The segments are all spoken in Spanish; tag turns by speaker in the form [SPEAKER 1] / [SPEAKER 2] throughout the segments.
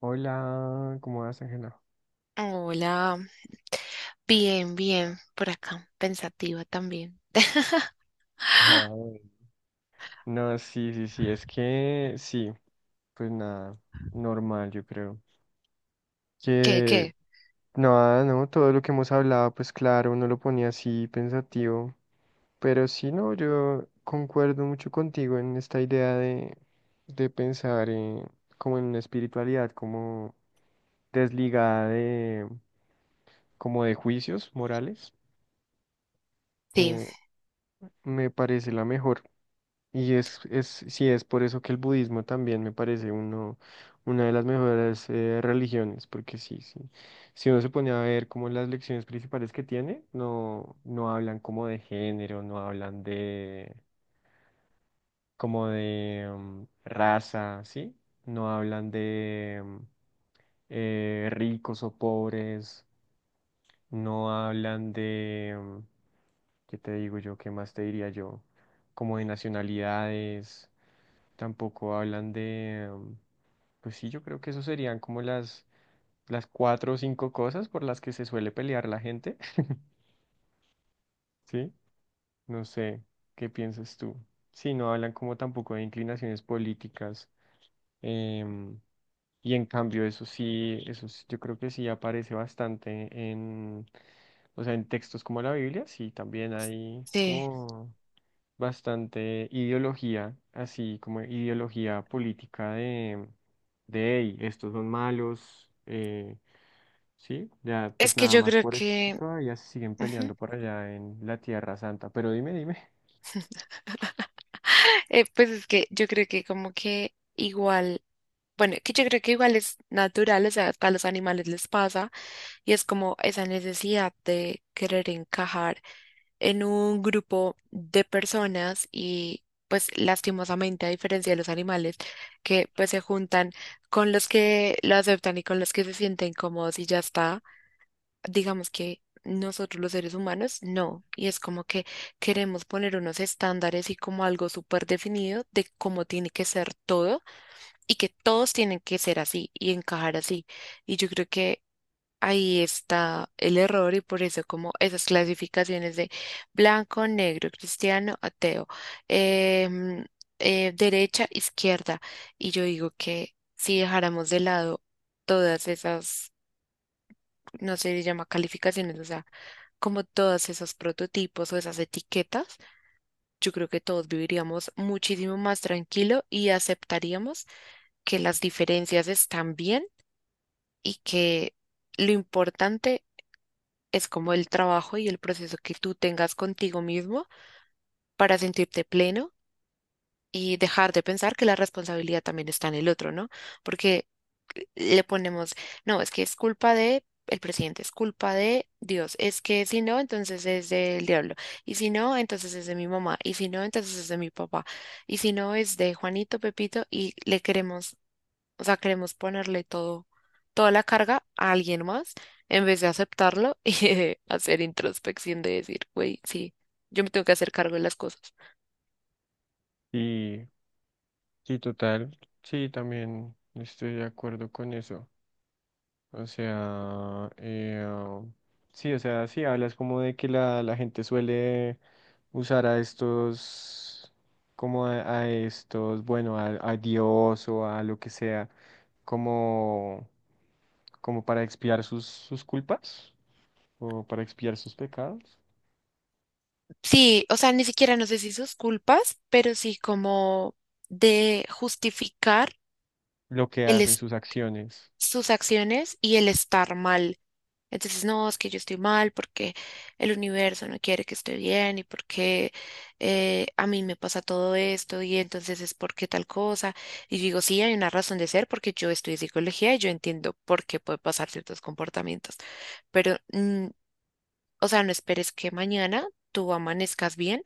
[SPEAKER 1] Hola, ¿cómo vas, Ángela?
[SPEAKER 2] Hola, bien, bien, por acá, pensativa también.
[SPEAKER 1] Ay, no, sí, sí, sí, es que sí, pues nada, normal, yo creo.
[SPEAKER 2] ¿Qué,
[SPEAKER 1] Que
[SPEAKER 2] qué?
[SPEAKER 1] Nada, no, todo lo que hemos hablado, pues claro, uno lo ponía así pensativo, pero sí, no, yo concuerdo mucho contigo en esta idea de, pensar en, como en una espiritualidad, como desligada de, como de juicios morales,
[SPEAKER 2] Sí,
[SPEAKER 1] me, me parece la mejor. Y sí, es por eso que el budismo también me parece una de las mejores religiones, porque sí, sí. Si uno se pone a ver como las lecciones principales que tiene, no, no hablan como de género, no hablan de, como de raza, ¿sí? No hablan de ricos o pobres, no hablan de, ¿qué te digo yo? ¿Qué más te diría yo? Como de nacionalidades, tampoco hablan de... pues sí, yo creo que eso serían como las cuatro o cinco cosas por las que se suele pelear la gente, ¿sí? No sé, ¿qué piensas tú? Sí, no hablan como tampoco de inclinaciones políticas. em, y en cambio, eso sí, yo creo que sí aparece bastante en, o sea, en textos como la Biblia, sí, también hay
[SPEAKER 2] sí.
[SPEAKER 1] como bastante ideología, así como ideología política de, hey, estos son malos. Sí, ya
[SPEAKER 2] Es
[SPEAKER 1] pues
[SPEAKER 2] que
[SPEAKER 1] nada
[SPEAKER 2] yo
[SPEAKER 1] más
[SPEAKER 2] creo
[SPEAKER 1] por eso es que
[SPEAKER 2] que,
[SPEAKER 1] todavía se siguen
[SPEAKER 2] ujú.
[SPEAKER 1] peleando por allá en la Tierra Santa. Pero dime, dime.
[SPEAKER 2] Pues es que yo creo que como que igual, bueno, que yo creo que igual es natural, o sea, a los animales les pasa y es como esa necesidad de querer encajar en un grupo de personas y pues lastimosamente a diferencia de los animales que pues se juntan con los que lo aceptan y con los que se sienten cómodos y ya está, digamos que nosotros los seres humanos no, y es como que queremos poner unos estándares y como algo súper definido de cómo tiene que ser todo y que todos tienen que ser así y encajar así. Y yo creo que ahí está el error y por eso como esas clasificaciones de blanco, negro, cristiano, ateo, em, derecha, izquierda. Y yo digo que si dejáramos de lado todas esas, no sé, se llama calificaciones, o sea, como todos esos prototipos o esas etiquetas, yo creo que todos viviríamos muchísimo más tranquilo y aceptaríamos que las diferencias están bien y que... Lo importante es como el trabajo y el proceso que tú tengas contigo mismo para sentirte pleno y dejar de pensar que la responsabilidad también está en el otro, ¿no? Porque le ponemos, no, es que es culpa de el presidente, es culpa de Dios, es que si no, entonces es del diablo, y si no, entonces es de mi mamá, y si no, entonces es de mi papá, y si no, es de Juanito, Pepito, y le queremos, o sea, queremos ponerle todo, toda la carga a alguien más en vez de aceptarlo y de hacer introspección de decir, güey, sí, yo me tengo que hacer cargo de las cosas.
[SPEAKER 1] Y sí, total, sí, también estoy de acuerdo con eso. O sea, sí, o sea, sí, hablas como de que la gente suele usar a estos, como a estos, bueno, a Dios o a lo que sea, como, como para expiar sus culpas o para expiar sus pecados.
[SPEAKER 2] Sí, o sea, ni siquiera no sé si sus culpas, pero sí como de justificar
[SPEAKER 1] Lo que
[SPEAKER 2] el
[SPEAKER 1] hacen,
[SPEAKER 2] es-
[SPEAKER 1] sus acciones.
[SPEAKER 2] sus acciones y el estar mal. Entonces, no, es que yo estoy mal porque el universo no quiere que esté bien y porque a mí me pasa todo esto y entonces es porque tal cosa. Y yo digo, sí, hay una razón de ser porque yo estudié psicología y yo entiendo por qué puede pasar ciertos comportamientos, pero o sea, no esperes que mañana tú amanezcas bien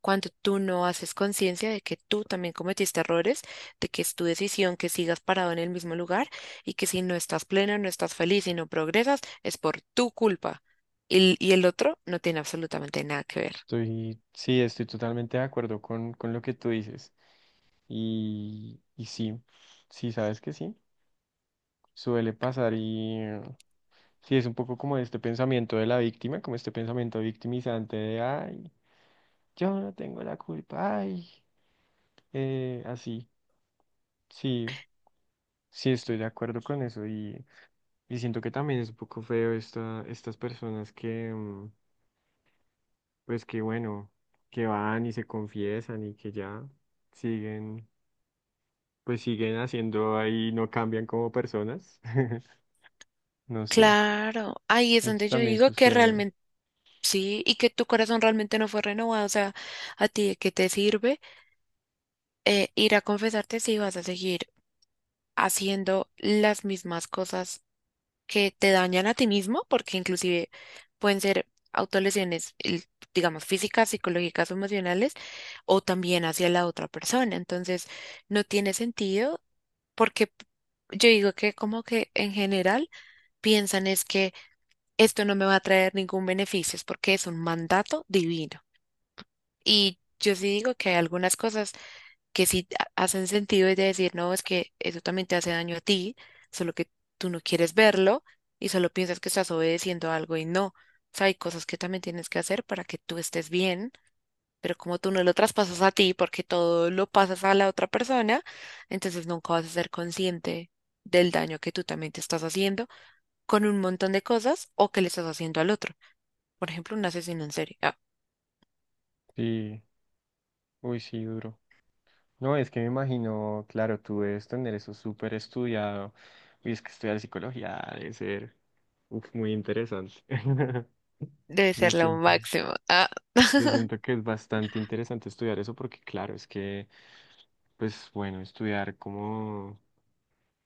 [SPEAKER 2] cuando tú no haces conciencia de que tú también cometiste errores, de que es tu decisión que sigas parado en el mismo lugar y que si no estás pleno, no estás feliz y no progresas, es por tu culpa. Y el otro no tiene absolutamente nada que ver.
[SPEAKER 1] Estoy, sí, estoy totalmente de acuerdo con lo que tú dices. Y sí, sí, sabes que sí, suele pasar y sí, es un poco como este pensamiento de la víctima, como este pensamiento victimizante de, ay, yo no tengo la culpa, ay, así. Sí, sí, estoy de acuerdo con eso y, siento que también es un poco feo estas personas que... pues que bueno, que van y se confiesan y que ya siguen, pues siguen haciendo ahí, no cambian como personas. No sé,
[SPEAKER 2] Claro, ahí es
[SPEAKER 1] eso
[SPEAKER 2] donde yo
[SPEAKER 1] también
[SPEAKER 2] digo que
[SPEAKER 1] sucede.
[SPEAKER 2] realmente sí y que tu corazón realmente no fue renovado. O sea, ¿a ti de qué te sirve ir a confesarte si vas a seguir haciendo las mismas cosas, que te dañan a ti mismo? Porque inclusive pueden ser autolesiones, digamos, físicas, psicológicas o emocionales, o también hacia la otra persona. Entonces, no tiene sentido porque yo digo que como que en general piensan es que esto no me va a traer ningún beneficio, es porque es un mandato divino. Y yo sí digo que hay algunas cosas que sí hacen sentido, es de decir, no, es que eso también te hace daño a ti, solo que tú no quieres verlo y solo piensas que estás obedeciendo algo y no. O sea, hay cosas que también tienes que hacer para que tú estés bien, pero como tú no lo traspasas a ti porque todo lo pasas a la otra persona, entonces nunca vas a ser consciente del daño que tú también te estás haciendo con un montón de cosas o que le estás haciendo al otro. Por ejemplo, un asesino en serie. Ah,
[SPEAKER 1] Sí, uy, sí, duro. No, es que me imagino, claro, tú debes tener eso súper estudiado. Y es que estudiar psicología debe ser uf, muy interesante.
[SPEAKER 2] debe
[SPEAKER 1] Yo
[SPEAKER 2] ser lo
[SPEAKER 1] siento,
[SPEAKER 2] máximo. Ah.
[SPEAKER 1] yo siento que es bastante interesante estudiar eso porque, claro, es que, pues bueno, estudiar como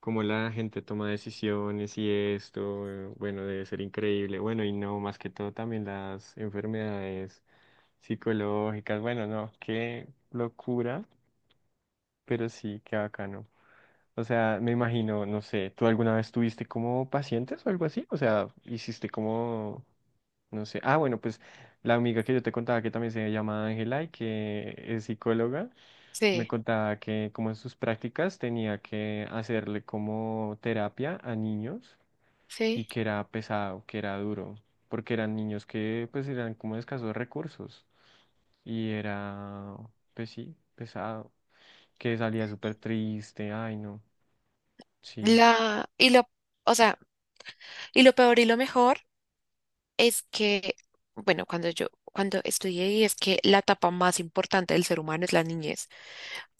[SPEAKER 1] cómo la gente toma decisiones y esto, bueno, debe ser increíble. Bueno, y no, más que todo también las enfermedades psicológicas. Bueno, no, qué locura, pero sí, qué bacano. O sea, me imagino, no sé, ¿tú alguna vez tuviste como pacientes o algo así? O sea, hiciste como, no sé. Ah, bueno, pues la amiga que yo te contaba que también se llama Ángela y que es psicóloga. Me
[SPEAKER 2] Sí,
[SPEAKER 1] contaba que como en sus prácticas tenía que hacerle como terapia a niños y
[SPEAKER 2] sí.
[SPEAKER 1] que era pesado, que era duro, porque eran niños que pues eran como de escasos recursos y era, pues sí, pesado, que salía súper triste, ay no, sí,
[SPEAKER 2] La, y lo, o sea, y lo peor y lo mejor es que, bueno, cuando yo, cuando estudié ahí es que la etapa más importante del ser humano es la niñez.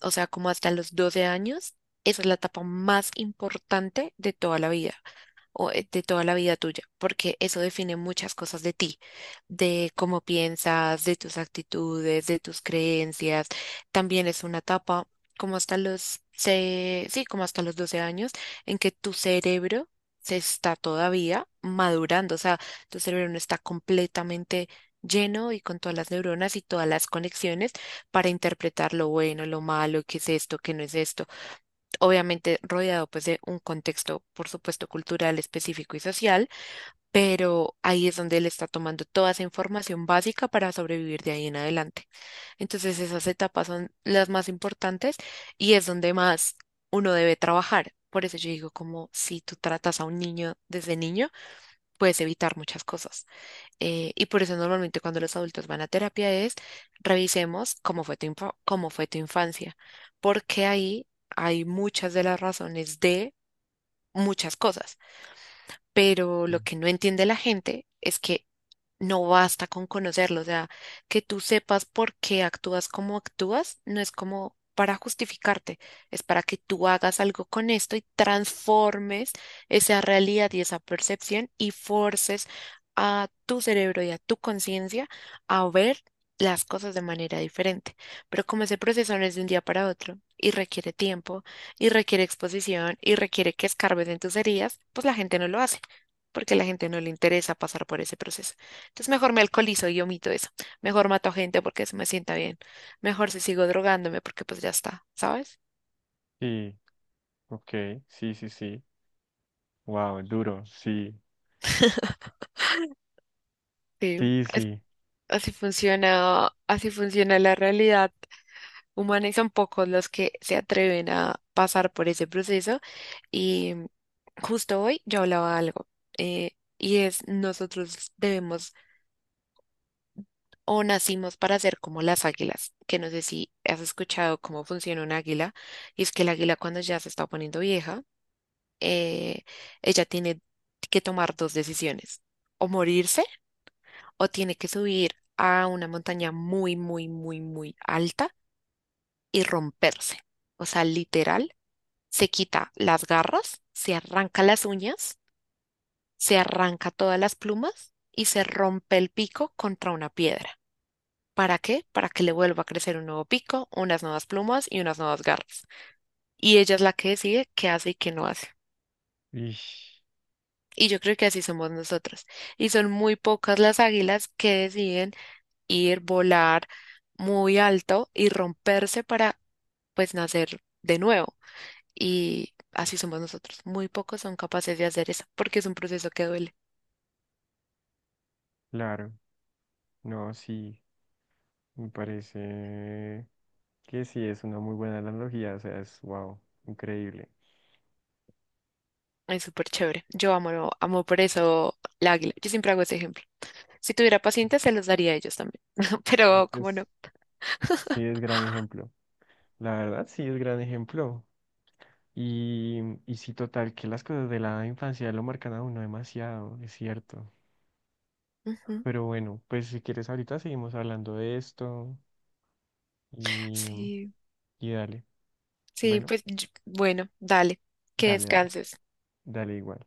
[SPEAKER 2] O sea, como hasta los 12 años, esa es la etapa más importante de toda la vida. O de toda la vida tuya, porque eso define muchas cosas de ti, de cómo piensas, de tus actitudes, de tus creencias. También es una etapa como hasta sí, como hasta los 12 años en que tu cerebro se está todavía madurando, o sea, tu cerebro no está completamente lleno y con todas las neuronas y todas las conexiones para interpretar lo bueno, lo malo, qué es esto, qué no es esto, obviamente rodeado pues de un contexto, por supuesto, cultural específico y social, pero ahí es donde él está tomando toda esa información básica para sobrevivir de ahí en adelante. Entonces esas etapas son las más importantes y es donde más uno debe trabajar. Por eso yo digo, como si tú tratas a un niño desde niño, puedes evitar muchas cosas. Y por eso normalmente cuando los adultos van a terapia es revisemos cómo fue tu cómo fue tu infancia, porque ahí hay muchas de las razones de muchas cosas, pero lo
[SPEAKER 1] sí,
[SPEAKER 2] que no entiende la gente es que no basta con conocerlo, o sea, que tú sepas por qué actúas como actúas, no es como para justificarte, es para que tú hagas algo con esto y transformes esa realidad y esa percepción y forces a tu cerebro y a tu conciencia a ver las cosas de manera diferente. Pero como ese proceso no es de un día para otro y requiere tiempo y requiere exposición y requiere que escarbes en tus heridas, pues la gente no lo hace porque a la gente no le interesa pasar por ese proceso. Entonces mejor me alcoholizo y omito eso. Mejor mato a gente porque eso me sienta bien. Mejor si sigo drogándome porque pues ya está, ¿sabes?
[SPEAKER 1] sí, ok, sí, sí, sí, wow, duro, sí,
[SPEAKER 2] Sí.
[SPEAKER 1] sí, sí,
[SPEAKER 2] Así funciona, así funciona la realidad humana y son pocos los que se atreven a pasar por ese proceso. Y justo hoy yo hablaba algo, eh, y es nosotros debemos o nacimos para ser como las águilas, que no sé si has escuchado cómo funciona un águila, y es que el águila cuando ya se está poniendo vieja, eh, ella tiene que tomar 2 decisiones, o morirse o tiene que subir a una montaña muy, muy, muy, muy alta y romperse. O sea, literal, se quita las garras, se arranca las uñas, se arranca todas las plumas y se rompe el pico contra una piedra. ¿Para qué? Para que le vuelva a crecer un nuevo pico, unas nuevas plumas y unas nuevas garras. Y ella es la que decide qué hace y qué no hace.
[SPEAKER 1] ish,
[SPEAKER 2] Y yo creo que así somos nosotros. Y son muy pocas las águilas que deciden ir, volar muy alto y romperse para, pues, nacer de nuevo. Y así somos nosotros. Muy pocos son capaces de hacer eso porque es un proceso que duele.
[SPEAKER 1] claro, no, sí, me parece... Que sí, es una muy buena analogía, o sea, es wow, increíble.
[SPEAKER 2] Es súper chévere. Yo amo, amo por eso la águila. Yo siempre hago ese ejemplo. Si tuviera pacientes, se los daría a ellos también.
[SPEAKER 1] Es,
[SPEAKER 2] Pero, como no?
[SPEAKER 1] es- sí, es gran ejemplo. La verdad, sí, es gran ejemplo. Y, y sí, total, que las cosas de la infancia lo marcan a uno demasiado, es cierto.
[SPEAKER 2] Ujú.
[SPEAKER 1] Pero bueno, pues si quieres, ahorita seguimos hablando de esto y,
[SPEAKER 2] Sí,
[SPEAKER 1] dale.
[SPEAKER 2] sí,
[SPEAKER 1] Bueno,
[SPEAKER 2] pues, bueno, dale. Que
[SPEAKER 1] dale, dale,
[SPEAKER 2] descanses.
[SPEAKER 1] dale igual.